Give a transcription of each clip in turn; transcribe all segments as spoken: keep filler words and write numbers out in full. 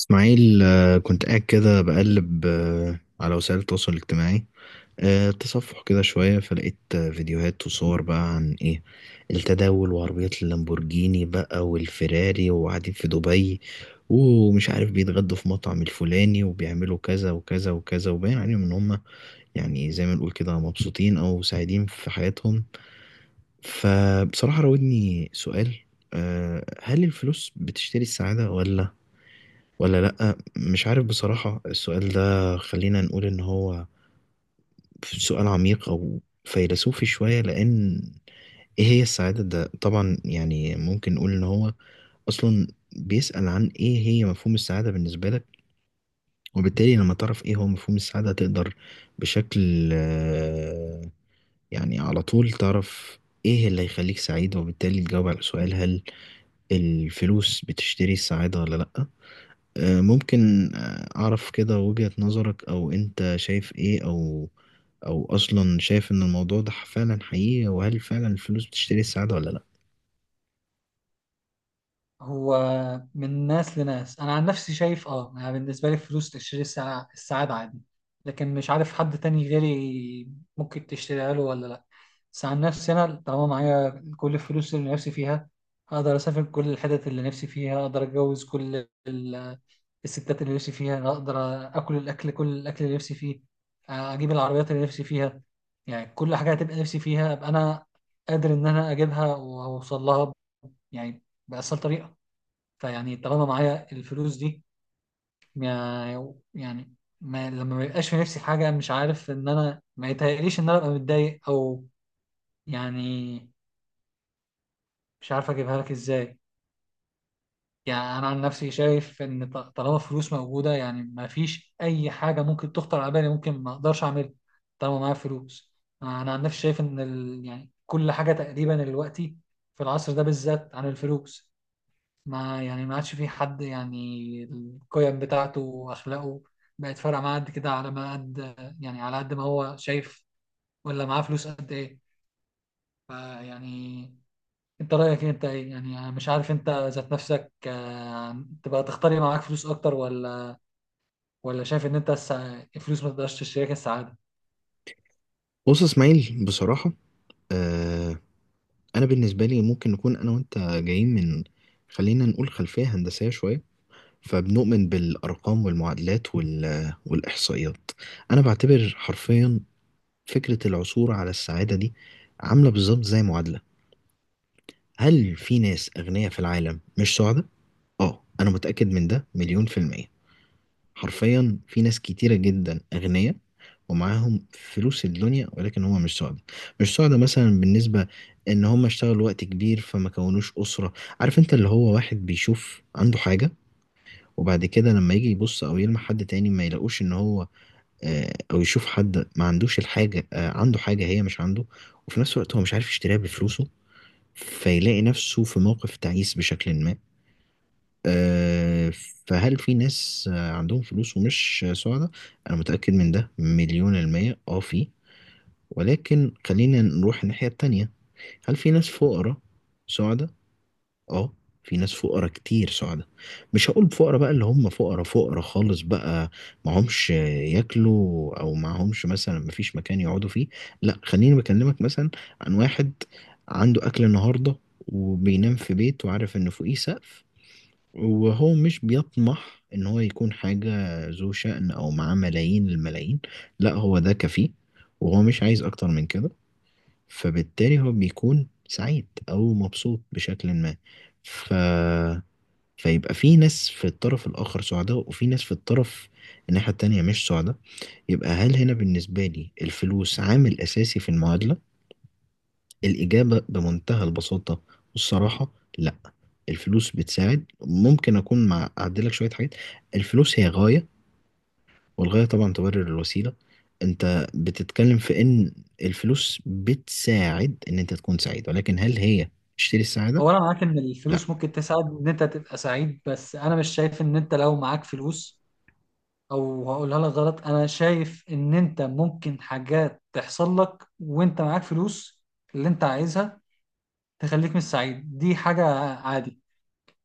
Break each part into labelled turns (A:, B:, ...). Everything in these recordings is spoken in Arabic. A: اسماعيل، آه، كنت قاعد كده بقلب، آه، على وسائل التواصل الاجتماعي. آه، تصفح كده شوية فلقيت، آه، فيديوهات وصور بقى عن ايه؟ التداول وعربيات اللامبورجيني بقى والفيراري، وقاعدين في دبي ومش عارف بيتغدوا في مطعم الفلاني وبيعملوا كذا وكذا وكذا، وباين عليهم ان هم يعني زي ما نقول كده مبسوطين او سعيدين في حياتهم. فبصراحة راودني سؤال: آه، هل الفلوس بتشتري السعادة ولا ولا لأ؟ مش عارف بصراحة، السؤال ده خلينا نقول إن هو سؤال عميق أو فيلسوفي شوية، لأن إيه هي السعادة؟ ده طبعا يعني ممكن نقول إن هو أصلا بيسأل عن إيه هي مفهوم السعادة بالنسبة لك، وبالتالي لما تعرف إيه هو مفهوم السعادة تقدر بشكل، آه، يعني على طول تعرف إيه اللي هيخليك سعيد، وبالتالي تجاوب على السؤال: هل الفلوس بتشتري السعادة ولا لأ؟ آه، ممكن، آه، أعرف كده وجهة نظرك، أو أنت شايف إيه، أو أو أصلا شايف إن الموضوع ده فعلا حقيقي، وهل فعلا الفلوس بتشتري السعادة ولا لأ؟
B: هو من ناس لناس. انا عن نفسي شايف، اه انا بالنسبه لي الفلوس تشتري السع- السعاده عادي. لكن مش عارف حد تاني غيري ممكن تشتريها له ولا لا. بس عن نفسي انا طالما معايا كل الفلوس اللي نفسي فيها، اقدر اسافر كل الحتت اللي نفسي فيها، اقدر اتجوز كل ال- الستات اللي نفسي فيها، اقدر اكل الاكل، كل الاكل اللي نفسي فيه، آه، اجيب العربيات اللي نفسي فيها. يعني كل حاجه هتبقى نفسي فيها ابقى انا قادر ان انا اجيبها واوصل لها، يعني بأسهل طريقه. فيعني طالما معايا الفلوس دي، ما- يعني ما لما ما يبقاش في نفسي حاجة، مش عارف إن أنا، ما يتهيأليش إن أنا أبقى متضايق أو، يعني مش عارف أجيبها لك إزاي. يعني أنا عن نفسي شايف إن ط- طالما فلوس موجودة، يعني ما فيش أي حاجة ممكن تخطر على بالي ممكن ما أقدرش أعملها طالما معايا فلوس. أنا عن نفسي شايف إن ال... يعني كل حاجة تقريبا دلوقتي في العصر ده بالذات عن الفلوس، ما يعني ما عادش في حد، يعني القيم بتاعته واخلاقه بقت فارقه معاه قد كده، على ما قد، يعني على قد ما هو شايف، ولا معاه فلوس قد ايه. فيعني انت رايك إيه؟ انت ايه يعني، أنا مش عارف انت ذات نفسك، آه، تبقى تختار معاك فلوس اكتر، ولا ولا شايف ان انت، السع- الفلوس ما تقدرش تشتريك السعاده.
A: بص يا إسماعيل، بصراحة، آه، أنا بالنسبة لي، ممكن نكون أنا وأنت جايين من، خلينا نقول، خلفية هندسية شوية، فبنؤمن بالأرقام والمعادلات وال والإحصائيات. أنا بعتبر حرفيا فكرة العثور على السعادة دي عاملة بالظبط زي معادلة. هل في ناس أغنياء في العالم مش سعداء؟ اه، انا متأكد من ده مليون في المية. حرفيا في ناس كتيرة جدا اغنياء ومعاهم فلوس الدنيا، ولكن هم مش سعداء. مش سعداء مثلا بالنسبة ان هم اشتغلوا وقت كبير فما كونوش اسرة. عارف، انت اللي هو واحد بيشوف عنده حاجة، وبعد كده لما يجي يبص او يلمح حد تاني ما يلاقوش ان هو، آه، او يشوف حد ما عندوش الحاجة، آه، عنده حاجة هي مش عنده، وفي نفس الوقت هو مش عارف يشتريها بفلوسه، فيلاقي نفسه في موقف تعيس بشكل ما. آه، فهل في ناس آه، عندهم فلوس ومش آه، سعداء؟ أنا متأكد من ده مليون المية اه في. ولكن خلينا نروح الناحية التانية. هل في ناس فقراء سعداء؟ اه، في ناس فقراء كتير سعداء. مش هقول فقراء بقى اللي هم فقراء فقراء خالص بقى، معهمش آه، ياكلوا أو معهمش مثلا مفيش مكان يقعدوا فيه. لا، خليني بكلمك مثلا عن واحد عنده أكل النهاردة وبينام في بيت وعارف إن فوقيه سقف، وهو مش بيطمح ان هو يكون حاجة ذو شأن او معاه ملايين الملايين. لا، هو ده كفيه وهو مش عايز اكتر من كده، فبالتالي هو بيكون سعيد او مبسوط بشكل ما. ف فيبقى في ناس في الطرف الاخر سعداء، وفي ناس في الطرف، الناحية التانية، مش سعداء. يبقى هل هنا بالنسبة لي الفلوس عامل اساسي في المعادلة؟ الإجابة بمنتهى البساطة والصراحة: لا. الفلوس بتساعد، ممكن أكون مع، أعدلك شوية حاجات، الفلوس هي غاية، والغاية طبعا تبرر الوسيلة. أنت بتتكلم في إن الفلوس بتساعد إن أنت تكون سعيد، ولكن هل هي تشتري السعادة؟
B: هو انا معاك ان
A: لا.
B: الفلوس ممكن تساعد ان انت تبقى سعيد، بس انا مش شايف ان انت لو معاك فلوس، او هقولها لك غلط، انا شايف ان انت ممكن حاجات تحصل لك وانت معاك فلوس اللي انت عايزها تخليك مش سعيد، دي حاجة عادي.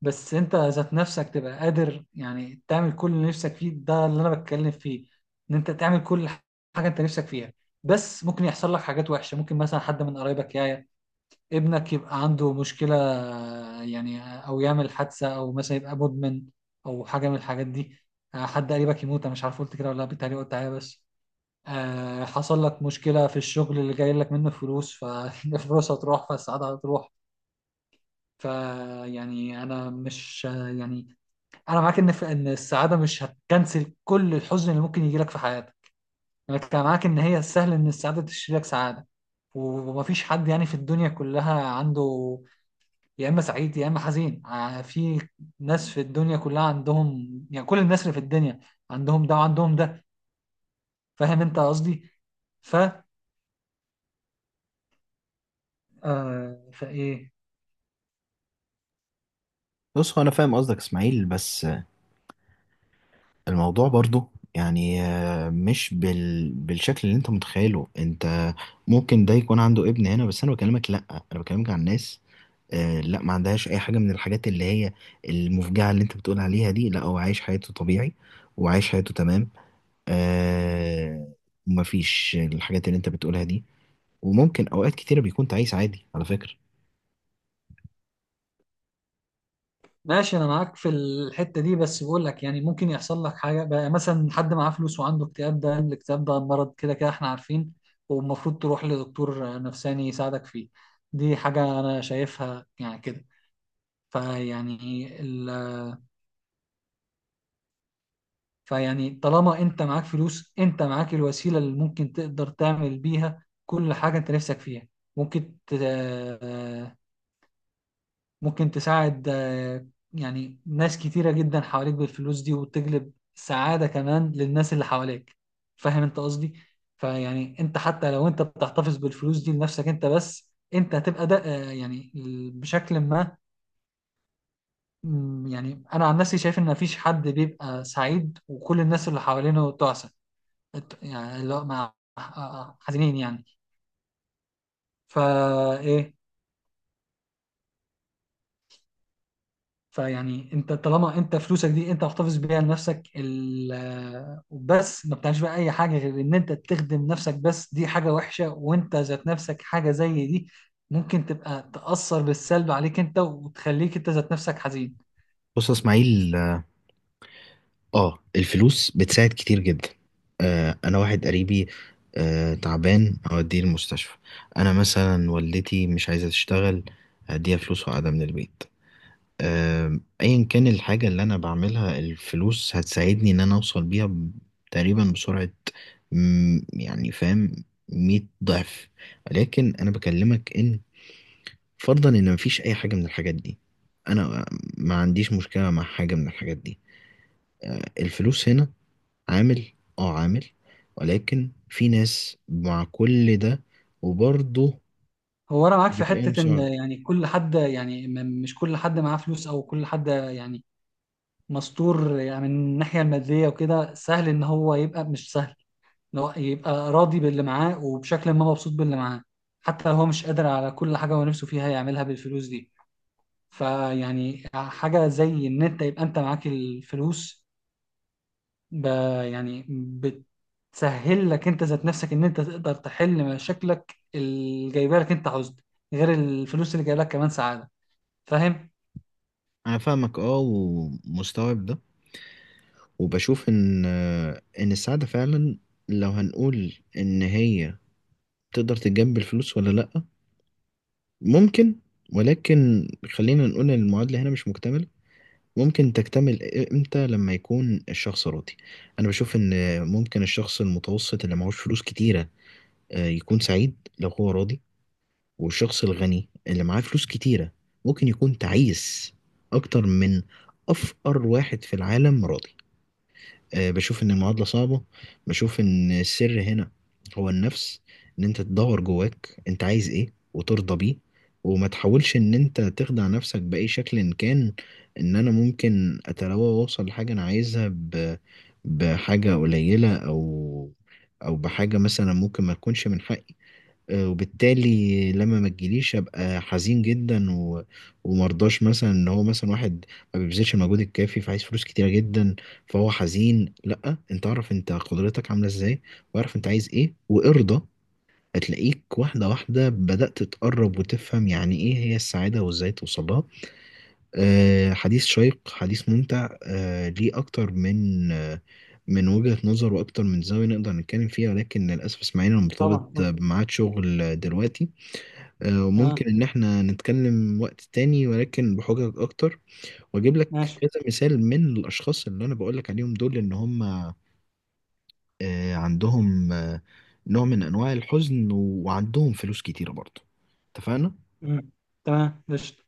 B: بس انت ذات نفسك تبقى قادر يعني تعمل كل اللي نفسك فيه، ده اللي انا بتكلم فيه، ان انت تعمل كل حاجة انت نفسك فيها. بس ممكن يحصل لك حاجات وحشة، ممكن مثلا حد من قرايبك يعيا، ابنك يبقى عنده مشكلة، يعني أو يعمل حادثة، أو مثلا يبقى مدمن، أو حاجة من الحاجات دي. آه، حد قريبك يموت، أنا مش عارف قلت كده ولا لأ، بالتهيألي قلت عليها بس. آه، حصل لك مشكلة في الشغل اللي جاي لك منه فلوس، فالفلوس هتروح، فالسعادة هتروح. فيعني أنا مش يعني، أنا معاك إن إن السعادة مش هتكنسل كل الحزن اللي ممكن يجي لك في حياتك. أنا كنت معاك إن هي سهل إن السعادة تشتري لك سعادة. ومفيش حد يعني في الدنيا كلها عنده، يا اما سعيد يا اما حزين، ع- في ناس في الدنيا كلها عندهم، يعني كل الناس اللي في الدنيا عندهم ده وعندهم ده. فاهم انت قصدي؟ ف آه فايه؟
A: بص، هو انا فاهم قصدك اسماعيل، بس الموضوع برضو يعني، آه، مش بال بالشكل اللي انت متخيله انت. ممكن ده يكون عنده ابن، هنا بس انا بكلمك لا، انا بكلمك عن ناس آه لا، ما عندهاش اي حاجه من الحاجات اللي هي المفجعه اللي انت بتقول عليها دي. لا، هو عايش حياته طبيعي وعايش حياته تمام. آه، ما فيش الحاجات اللي انت بتقولها دي، وممكن اوقات كتيره بيكون تعيس عادي على فكره.
B: ماشي انا معاك في الحتة دي، بس بقول لك يعني ممكن يحصل لك حاجة بقى، مثلا حد معاه فلوس وعنده اكتئاب، ده الاكتئاب ده مرض كده كده احنا عارفين، والمفروض تروح لدكتور نفساني يساعدك فيه، دي حاجة انا شايفها يعني كده. فيعني فيعني طالما انت معاك فلوس، انت معاك الوسيلة اللي ممكن تقدر تعمل بيها كل حاجة انت نفسك فيها، ممكن ت... آه، ممكن تساعد آه، يعني ناس كتيرة جدا حواليك بالفلوس دي، وتجلب سعادة كمان للناس اللي حواليك. فاهم انت قصدي؟ فيعني انت حتى لو انت بتحتفظ بالفلوس دي لنفسك انت بس، انت هتبقى ده، آه، يعني ال- بشكل ما. مم، يعني انا عن نفسي شايف ان مفيش حد بيبقى سعيد وكل الناس اللي حوالينه تعسى، يعني اللي هو مع آه، آه، حزينين يعني، فا ايه. فيعني انت طالما انت فلوسك دي انت محتفظ بيها لنفسك، ال- وبس ما بتعملش بقى اي حاجه غير ان انت تخدم نفسك بس، دي حاجه وحشه، وانت ذات نفسك حاجه زي دي ممكن تبقى تأثر بالسلب عليك انت، وتخليك انت ذات نفسك حزين.
A: بص يا اسماعيل، اه الفلوس بتساعد كتير جدا. آه، انا واحد قريبي آه تعبان، اوديه المستشفى. انا مثلا والدتي مش عايزه تشتغل، هديها فلوس وقاعده من البيت. آم، ايا كان الحاجة اللي انا بعملها، الفلوس هتساعدني ان انا اوصل بيها ب تقريبا بسرعة. مم، يعني فاهم، مية ضعف. لكن انا بكلمك ان فرضا ان مفيش اي حاجة من الحاجات دي، انا ما عنديش مشكلة مع حاجة من الحاجات دي. آه، الفلوس هنا عامل، اه عامل. ولكن في ناس مع كل ده وبرضه
B: هو انا معاك
A: مش
B: في
A: بتلاقيهم
B: حته ان
A: سعد.
B: يعني كل حد يعني م- مش كل حد معاه فلوس او كل حد يعني مستور يعني من الناحيه الماديه وكده، سهل ان هو يبقى، مش سهل، لو يبقى راضي باللي معاه وبشكل ما مبسوط باللي معاه، حتى لو هو مش قادر على كل حاجة هو نفسه فيها يعملها بالفلوس دي. فيعني حاجة زي إن أنت يبقى أنت معاك الفلوس، ب يعني بتسهل لك أنت ذات نفسك إن أنت تقدر تحل مشاكلك اللي جايبه لك أنت حزن، غير الفلوس اللي جايبه لك كمان سعادة. فاهم؟
A: انا فاهمك اه، ومستوعب ده، وبشوف ان، آه، ان السعادة فعلا، لو هنقول ان هي تقدر تتجنب الفلوس ولا لأ؟ ممكن. ولكن خلينا نقول ان المعادلة هنا مش مكتملة. ممكن تكتمل امتى؟ لما يكون الشخص راضي. انا بشوف ان ممكن الشخص المتوسط اللي معهوش فلوس كتيرة آه، يكون سعيد لو هو راضي، والشخص الغني اللي معاه فلوس كتيرة ممكن يكون تعيس اكتر من افقر واحد في العالم راضي. آه، بشوف ان المعادلة صعبة. بشوف ان السر هنا هو النفس، ان انت تدور جواك انت عايز ايه وترضى بيه، وما تحاولش ان انت تخدع نفسك بأي شكل إن كان، ان انا ممكن اتلوى واوصل لحاجة انا عايزها ب بحاجة قليلة، او او بحاجة مثلا ممكن ما تكونش من حقي. آه، وبالتالي لما ما تجيليش ابقى حزين جدا و ومرضاش مثلا ان هو، مثلا واحد ما بيبذلش المجهود الكافي فعايز فلوس كتيره جدا فهو حزين. لا، انت اعرف انت قدرتك عامله ازاي، واعرف انت عايز ايه، وارضى، هتلاقيك واحدة واحدة بدأت تقرب وتفهم يعني إيه هي السعادة وإزاي توصلها. آه، حديث شيق، حديث ممتع، آه ليه أكتر من آه من وجهة نظر وأكتر من زاوية نقدر نتكلم فيها، ولكن للأسف اسماعيل أنا
B: طبعا،
A: مرتبط
B: طبعا.
A: بميعاد شغل دلوقتي. آه، وممكن
B: تمام.
A: إن إحنا نتكلم وقت تاني، ولكن بحجج أكتر، وأجيب لك
B: ماشي.
A: كذا مثال من الأشخاص اللي أنا بقول لك عليهم دول إن هم آه، عندهم آه، نوع من أنواع الحزن وعندهم فلوس كتيرة برضه. اتفقنا؟
B: مم. تمام قشطة.